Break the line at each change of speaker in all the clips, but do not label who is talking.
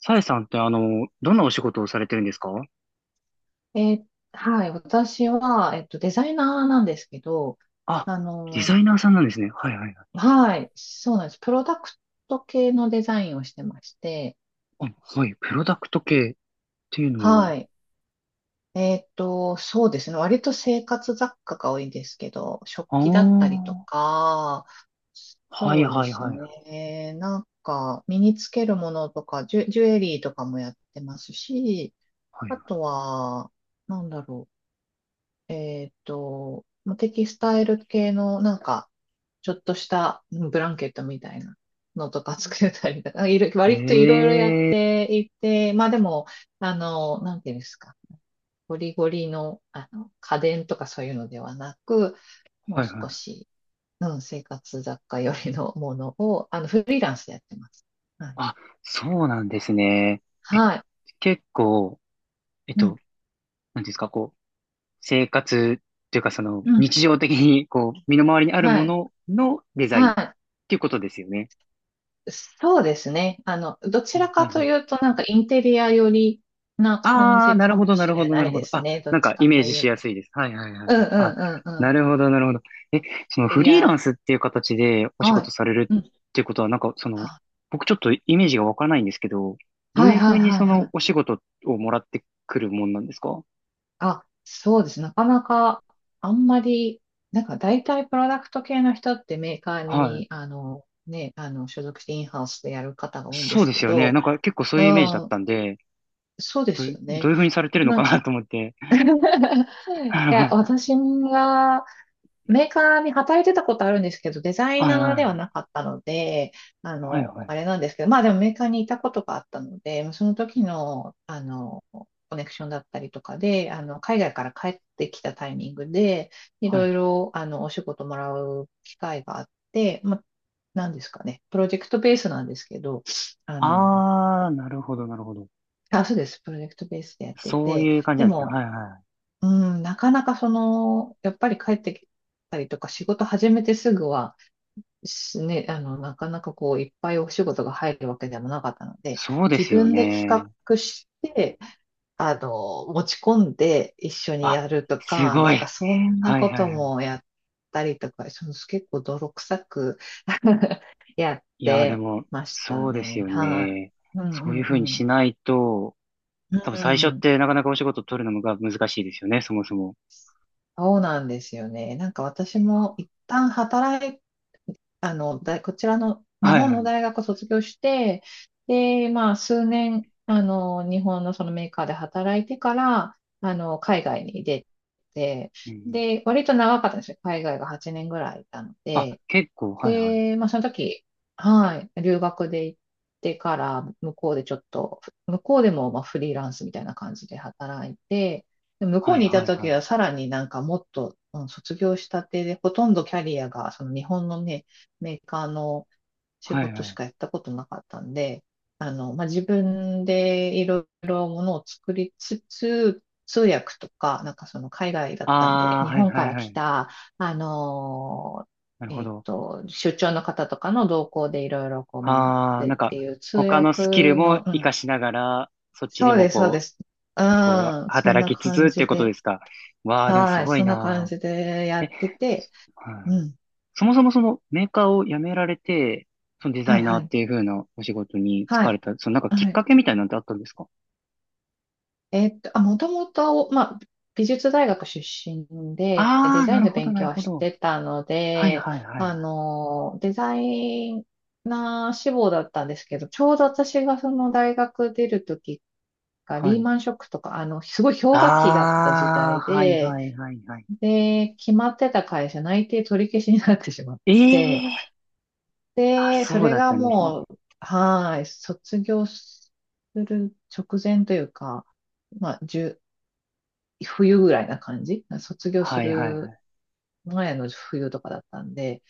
さえさんってどんなお仕事をされてるんですか？
えーはい、私は、デザイナーなんですけど、
あ、
あ
デ
の、
ザイナーさんなんですね。はいはいはい。
はい、そうなんです。プロダクト系のデザインをしてまして、
あ、はい、プロダクト系っていうの
は
は、
い、そうですね。割と生活雑貨が多いんですけど、食
あ
器だったりと
あ、
か、
はい
そうで
はい
す
はい。
ね。なんか、身につけるものとか、ジュエリーとかもやってますし、
はい
あ
は
とは、なんだろう。まあテキスタイル系の、なんか、ちょっとしたブランケットみたいなのとか作ったりとか、割といろいろやっ
い。ええ、
ていて、まあでも、なんていうんですか、ゴリゴリの、家電とかそういうのではなく、もう
はいはい。
少し、うん、生活雑貨よりのものを、フリーランスでやってます。はい。
あ、そうなんですね。え、
はい。
結構、えっ
う
と、なん
ん。
ていうんですか、こう、生活っていうかその、
うん。
日常的に、こう、身の回りにある
は
も
い。
ののデザインっ
は
ていうことですよね。
い。そうですね。どちら
あうん
か
う
と
ん、
いうと、なんかインテリア寄りな感
ああ、
じ
な
か
る
も
ほど、な
し
るほ
れ
ど、な
な
る
い
ほ
で
ど。
す
あ、
ね。ど
な
っ
ん
ち
かイ
か
メー
と
ジ
い
し
う
や
と。
すいです。はいはいはいはい。
うんう
あ、
んうんう
な
ん。
るほど、なるほど。え、その
セ
フ
リ
リーラ
ア、
ンスっていう形でお仕
は
事される
い。うん。
っていうことは、なんかその、
は
僕ちょっとイメージがわからないんですけど、どう
は
い
い
うふ
はい
うに
は
そ
いは
の
い。
お仕事をもらってくるもんなんですか？
あ、そうです。なかなか、あんまり、なんか大体プロダクト系の人ってメーカー
はい。
に、ね、所属してインハウスでやる方が多いんで
そう
す
で
け
すよね。
ど、
なんか結構そう
う
いうイメージだっ
ん、
たんで、
そうで
どう
す
いう、
よ
どう
ね。
いうふうにされてるの
な、
かなと思って。
い
はい
や、
はい。
私が、メーカーに働いてたことあるんですけど、デザイナーで
は
はなかったので、
いはい。
あれなんですけど、まあでもメーカーにいたことがあったので、その時の、コネクションだったりとかで、海外から帰ってきたタイミングで、い
は
ろ
い。
いろ、お仕事もらう機会があって、まあ、なんですかね、プロジェクトベースなんですけど、あの、
ああ、なるほど、なるほど。
あ、そうです、プロジェクトベースでやって
そう
て、
いう感じ
で
なんですね。
も、
はいはい。
うん、なかなかその、やっぱり帰ってきたりとか、仕事始めてすぐは、なかなかこう、いっぱいお仕事が入るわけでもなかったので、
そうで
自
すよ
分で企
ね。
画して、持ち込んで一緒にや
あ、
ると
す
か、
ご
な
い。
んかそんな
はい
こ
は
と
いはい。
もやったりとか、その結構泥臭くやっ
いやー、で
て
も、
ました
そうです
ね。
よ
は
ね。
い。うん
そうい
う
う
ん
ふうに
うん。
しないと、
う
多分最初っ
ん。
てなかなかお仕事取るのが難しいですよね、そもそも。
そうなんですよね。なんか私も一旦働い、こちらの日
はい
本
は
の
い。
大学を卒業して、で、まあ数年、日本のそのメーカーで働いてから、海外に出て、
うんうん、
で、割と長かったんですよ。海外が8年ぐらいいたの
あ、
で、
結構、はいはい。
で、まあ、その時、はい、留学で行ってから、向こうでちょっと、向こうでもまあフリーランスみたいな感じで働いて、で向こ
は
う
い
にいた
はいは
時
い。
はさらになんかもっと、うん、卒業したてで、ほとんどキャリアが、その日本のね、メーカーの仕
はい
事
は
し
い。
かやったことなかったんで、まあ、自分でいろいろものを作りつつ、通訳とか、なんかその海外だったんで、
あー、
日
はい
本
は
か
い
ら
は
来
い。
た、あの
なるほど。
出張の方とかの動向でいろいろこう回っ
あー、
て
な
っ
んか、
ていう通
他の
訳
スキルも
の、う
活か
ん、
しながら、そっちで
そう
も
です、そうで
こう、
す。う
こう、
ん、そんな
働きつつ
感
ってい
じ
うことで
で、
すか？わー、でもす
はい、
ごい
そんな感
な
じでや
ー。え、
ってて、
は
う
い。
ん、
そもそもそのメーカーを辞められて、そのデザ
はい、
イナー
は
っ
い、
ていう風なお仕事に就
は
かれ
い、
た、そのなんかきっ
はい。
かけみたいなんてあったんですか？
あ、もともと、まあ、美術大学出身で、
あ
デ
あー、
ザ
な
イン
る
の
ほど、
勉
な
強
る
は
ほ
し
ど。
てたの
はい
で、
はいはいはい。
デザイナー志望だったんですけど、ちょうど私がその大学出るときが、
は
リー
い。
マンショックとか、すごい氷河期だった時
ああ、
代
はい
で、
はいはいはい。
で、決まってた会社内定取り消しになってしまっ
え
て、
え、あ、
で、そ
そう
れ
だっ
が
たんですね。
もう、はーい、卒業する直前というか、まあ、1冬ぐらいな感じ。卒業す
はいはいは
る
い。
前の冬とかだったんで、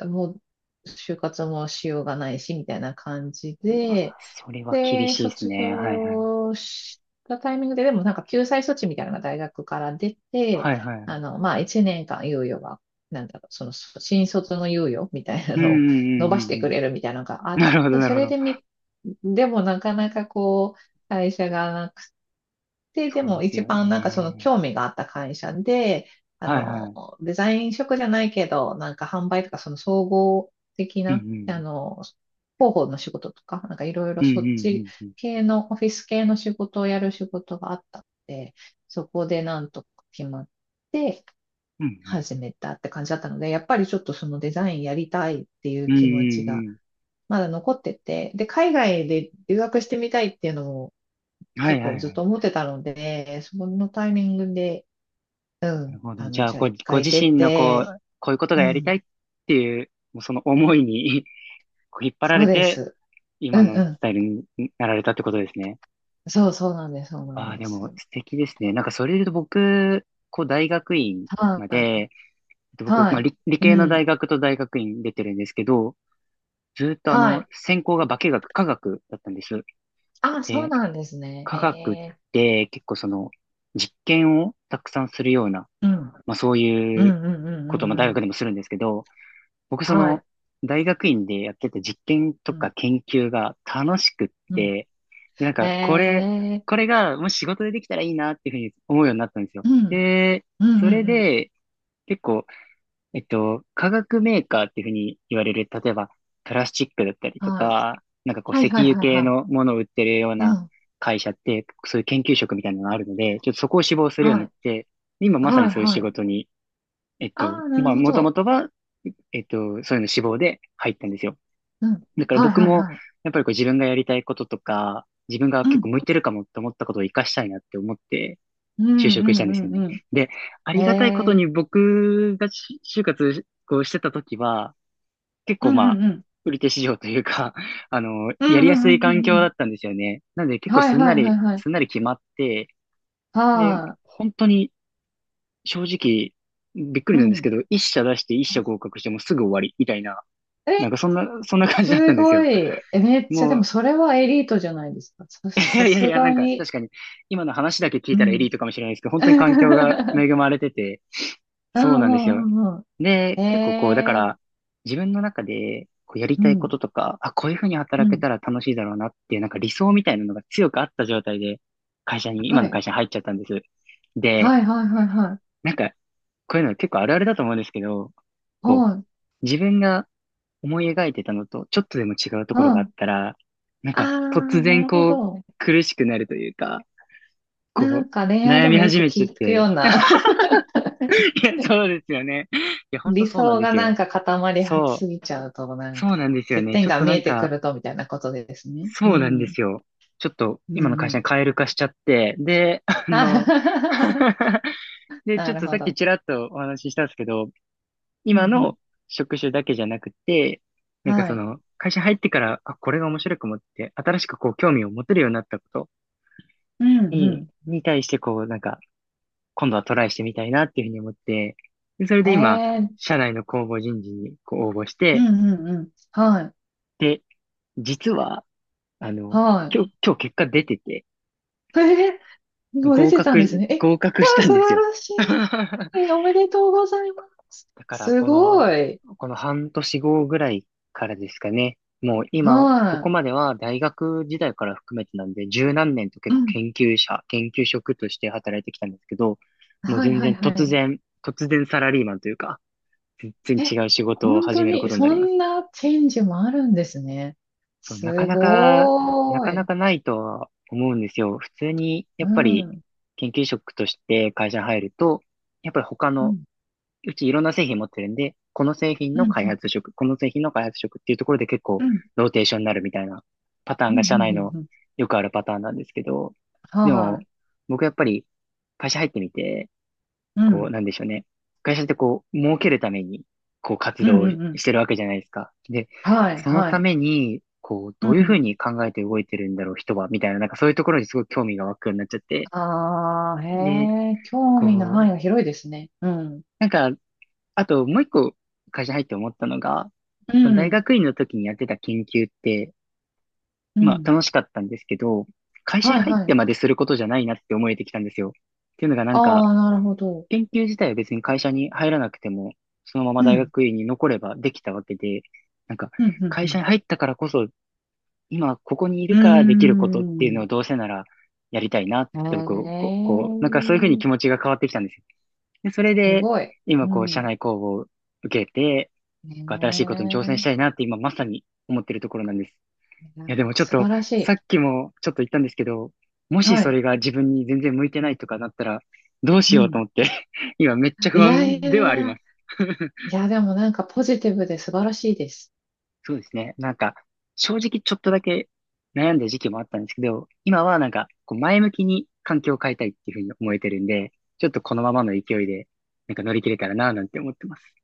もう就活もしようがないし、みたいな感じ
うわ、
で、
それは厳
で、
しいです
卒
ね。はいはい。
業したタイミングで、でもなんか救済措置みたいなのが大学から出て、
はいはい。
まあ、1年間猶予は、なんだろう、その、新卒の猶予みたいな
うんう
のを伸ばし
んうんう
て
んう
く
ん。
れるみたいなのがあっ
なるほど
て、
な
そ
るほ
れ
ど。
でみ、でもなかなかこう、会社がで、
そ
で
うで
も
す
一
よ
番なんかその
ね。
興味があった会社で、あ
はいは
の、
い。
デザイン職じゃないけど、なんか販売とかその総合的
うん
な、
うん。
広報の仕事とか、なんかいろい
う
ろ
んうん
そっち
うんうん。
系の、オフィス系の仕事をやる仕事があったので、そこでなんとか決まって
うんうん
始めたって感じだったので、やっぱりちょっとそのデザインやりたいってい
う
う
んう
気持ちが
んうん。
まだ残ってて、で、海外で留学してみたいっていうのも
は
結
いは
構
い
ず
は
っと
い。
思ってたので、そのタイミングで、う
なる
ん、
ほど。じゃあ、
じゃあ
ご、
一
ご
回
自
出
身のこ
て、
う、こういうこと
う
がやりた
ん、
いっていう、もうその思いに こう引っ張ら
そう
れ
で
て、
す。う
今
ん
のス
う
タイルになられたってことですね。
ん。そうそうなんです、そうなん
ああ、
で
で
す。
も素敵ですね。なんかそれで言うと僕、こう大学院まで、
はい、
僕、
は
まあ
い、
理、理
う
系の
ん、
大学と大学院出てるんですけど、ずーっと
はい。
専攻が化学だったんです。
あ、そう
で、
なんですね。へ
化学っ
え。
て結構その、実験をたくさんするような、
うん、うん、
まあそう
う
いう
ん、うん、う
ことも大
ん、うん。
学でもするんですけど、僕そ
はい、
の大学院でやってた実験と
うん、
か研究が楽しくっ
うん。
て、でなん
へ
かこれ、
え。
これがもし仕事でできたらいいなっていうふうに思うようになったんです
う
よ。
ん、
で、
うん、
そ
う
れ
ん、うん。
で結構、化学メーカーっていうふうに言われる、例えばプラスチックだったりと
はい。
か、なんかこう
はい、
石
はい、
油
はい、
系
はい。
のものを売ってるよう
う
な
ん、
会社って、そういう研究職みたいなのがあるので、ちょっとそこを志望するように
は
なっ
い、
て、今まさ
は
に
い、
そういう
は
仕
い。
事に
ああ、な
ま
る
あ、
ほ
もと
ど。
もとは、えっと、そういうの志望で入ったんですよ。
うん、
だから
はい、
僕
はい、
も、
はい。
やっぱりこう自分がやりたいこととか、自分が
う
結構
ん
向いてるかもって思ったことを活かしたいなって思って、
う
就
んう
職したんですよ
んう
ね。
んう
で、あ
ん。へ
りがたいこと
え。
に僕が就活こうしてた時は、結
う
構
ん
ま
う
あ、
んうん。
売り手市場というか、
う
やり
んう
や
ん
す
う
い
ん
環
うん
境
う
だ
ん。
ったんですよね。なので結構
はい
すん
はい
な
は
り、
いはい。
すんなり決まって、で、
は
本当に正直、びっくり
い。う
なんです
ん。
けど、一社出して一社合格してもうすぐ終わり、みたいな、
え、
なんかそんな感じだった
す
んです
ご
よ。
い。え、めっちゃ、で
も
も
う、
それはエリートじゃないですか。
いや
さ
いやい
す
や、な
が
んか
に。
確かに、今の話だけ聞い
う
たらエリー
ん。
トかもしれないですけど、本当に環境が恵 まれてて、
う
そうなんです
んう
よ。
んうんうん。
で、結構こう、だか
え
ら、
ー
自分の中で、こうやり
う
たいこ
ん。
ととか、あ、こういうふうに働
う
け
ん。
たら楽しいだろうなっていう、なんか理想みたいなのが強くあった状態で、会社に、今
は
の
い。
会社に入っちゃったんです。で、
はいはいはいはい。
なんか、こういうの結構あるあるだと思うんですけど、こう、
はい。
自分が思い描いてたのとちょっとでも違うと
う
ころがあっ
ん。
たら、なん
あ
か
あ、
突
な
然
るほ
こう
ど。
苦しくなるというか、
な
こ
んか
う
恋愛
悩
で
み
もよ
始
く
めちゃっ
聞くよ
て。
うな。
いや、そうですよね。いや、ほんと
理
そうなん
想
で
が
す
なん
よ。
か固まり
そ
す
う、
ぎちゃうと、なん
そう
か、
なんですよ
欠
ね。
点
ちょっ
が
と
見
な
え
ん
てく
か、
ると、みたいなことですね。
そう
う
なんで
ん。
すよ。ちょっと
うん
今の
う
会社
ん。
に蛙化しちゃって、で、
あ
で、ち
な
ょっ
る
と
ほ
さっき
ど。
ちらっとお話ししたんですけど、
うん
今
う
の職種だけじゃなくて、
ん。
なんか
は
そ
い。
の、会社入ってから、あ、これが面白く思って、新しくこう、興味を持てるようになったこと
うん
に、
う
に対してこう、なんか、今度はトライしてみたいなっていうふうに思って、で、それ
ん。
で今、
えー、
社内の公募人事にこう応募し
う
て、
んうんうん。はい。
で、実は、あの、
は
今日結果出てて、
い。えー、もう出
合
てたんです
格、
ね。え、
合格
わ
し
あ、
たん
素
です
晴
よ。
らしい。えーおめでとうございます。
だから、
す
こ
ご
の、
い。
この半年後ぐらいからですかね。もう今、こ
は
こま
い。
では大学時代から含めてなんで、十何年と結
う
構
ん。
研究者、研究職として働いてきたんですけど、もう
はい
全
は
然
いは
突
い。
然、突然サラリーマンというか、全
え、
然違う仕事を
本
始
当
めるこ
に、
とにな
そ
ります。
んなチェンジもあるんですね。
そう、なか
す
なか、な
ご
か
ー
な
い。
かないとは思うんですよ。普通に、や
う
っぱり
ん。
研究職として会社に入ると、やっぱり他
う
の
ん。
うちいろんな製品持ってるんで、この製品の
う
開
ん。
発職、この製品の開発職っていうところで結構
うん。うん。
ローテーションになるみたいなパター
う
ン
ん。う
が社
ん
内の
うん
よくあるパターンなんですけど、で
は
も
い。
僕やっぱり会社入ってみて、
う
こう
ん。
なんでしょうね。会社ってこう儲けるためにこう活
うん。
動
う
をし
ん。うん
てるわけじゃないですか。で、
はい。
その
は
た
い。
めにこう
う
どういうふう
ん。
に考えて動いてるんだろう人はみたいな、なんかそういうところにすごい興味が湧くようになっちゃって、
ああ、
で、
へえ、興
こ
味の範囲
う、
が広いですね。うん。
なんかあと、もう一個会社入って思ったのが、
う
この大
ん。
学院の時にやってた研究って、
う
まあ
ん。
楽しかったんですけど、会社に
はい。
入っ
は
て
い。
まですることじゃないなって思えてきたんですよ。っていうのがなんか、
ああ、なるほど。
研究自体は別に会社に入らなくても、そのまま
う
大
ん。
学院に残ればできたわけで、なんか、
うん。うん。
会
う
社に入ったからこそ、今ここにいるからできることっていう
ん。
の
う
をどうせならやりたいなっ
ー
て僕、こう、
ん。
こうなんかそういうふうに
へ
気
え、
持ちが変わってきたんですよ。で、それ
す
で、
ごい。
今
う
こう、社
ん。
内公募を受けて、
ね
新しいことに挑戦した
え。
いなって今まさに思ってるところなんです。
いや
いや、
ー、
でもちょっ
素
と、
晴らし
さ
い。
っきもちょっと言ったんですけど、もし
は
そ
い。
れが自分に全然向いてないとかなったら、どう
う
しようと
ん。
思って 今めっちゃ不
いやい
安で
やい
はあり
や。
ます。
いや、でもなんかポジティブで素晴らしいです。
そうですね。なんか、正直ちょっとだけ悩んだ時期もあったんですけど、今はなんか、こう前向きに環境を変えたいっていうふうに思えてるんで、ちょっとこのままの勢いで、なんか乗り切れたらなぁなんて思ってます。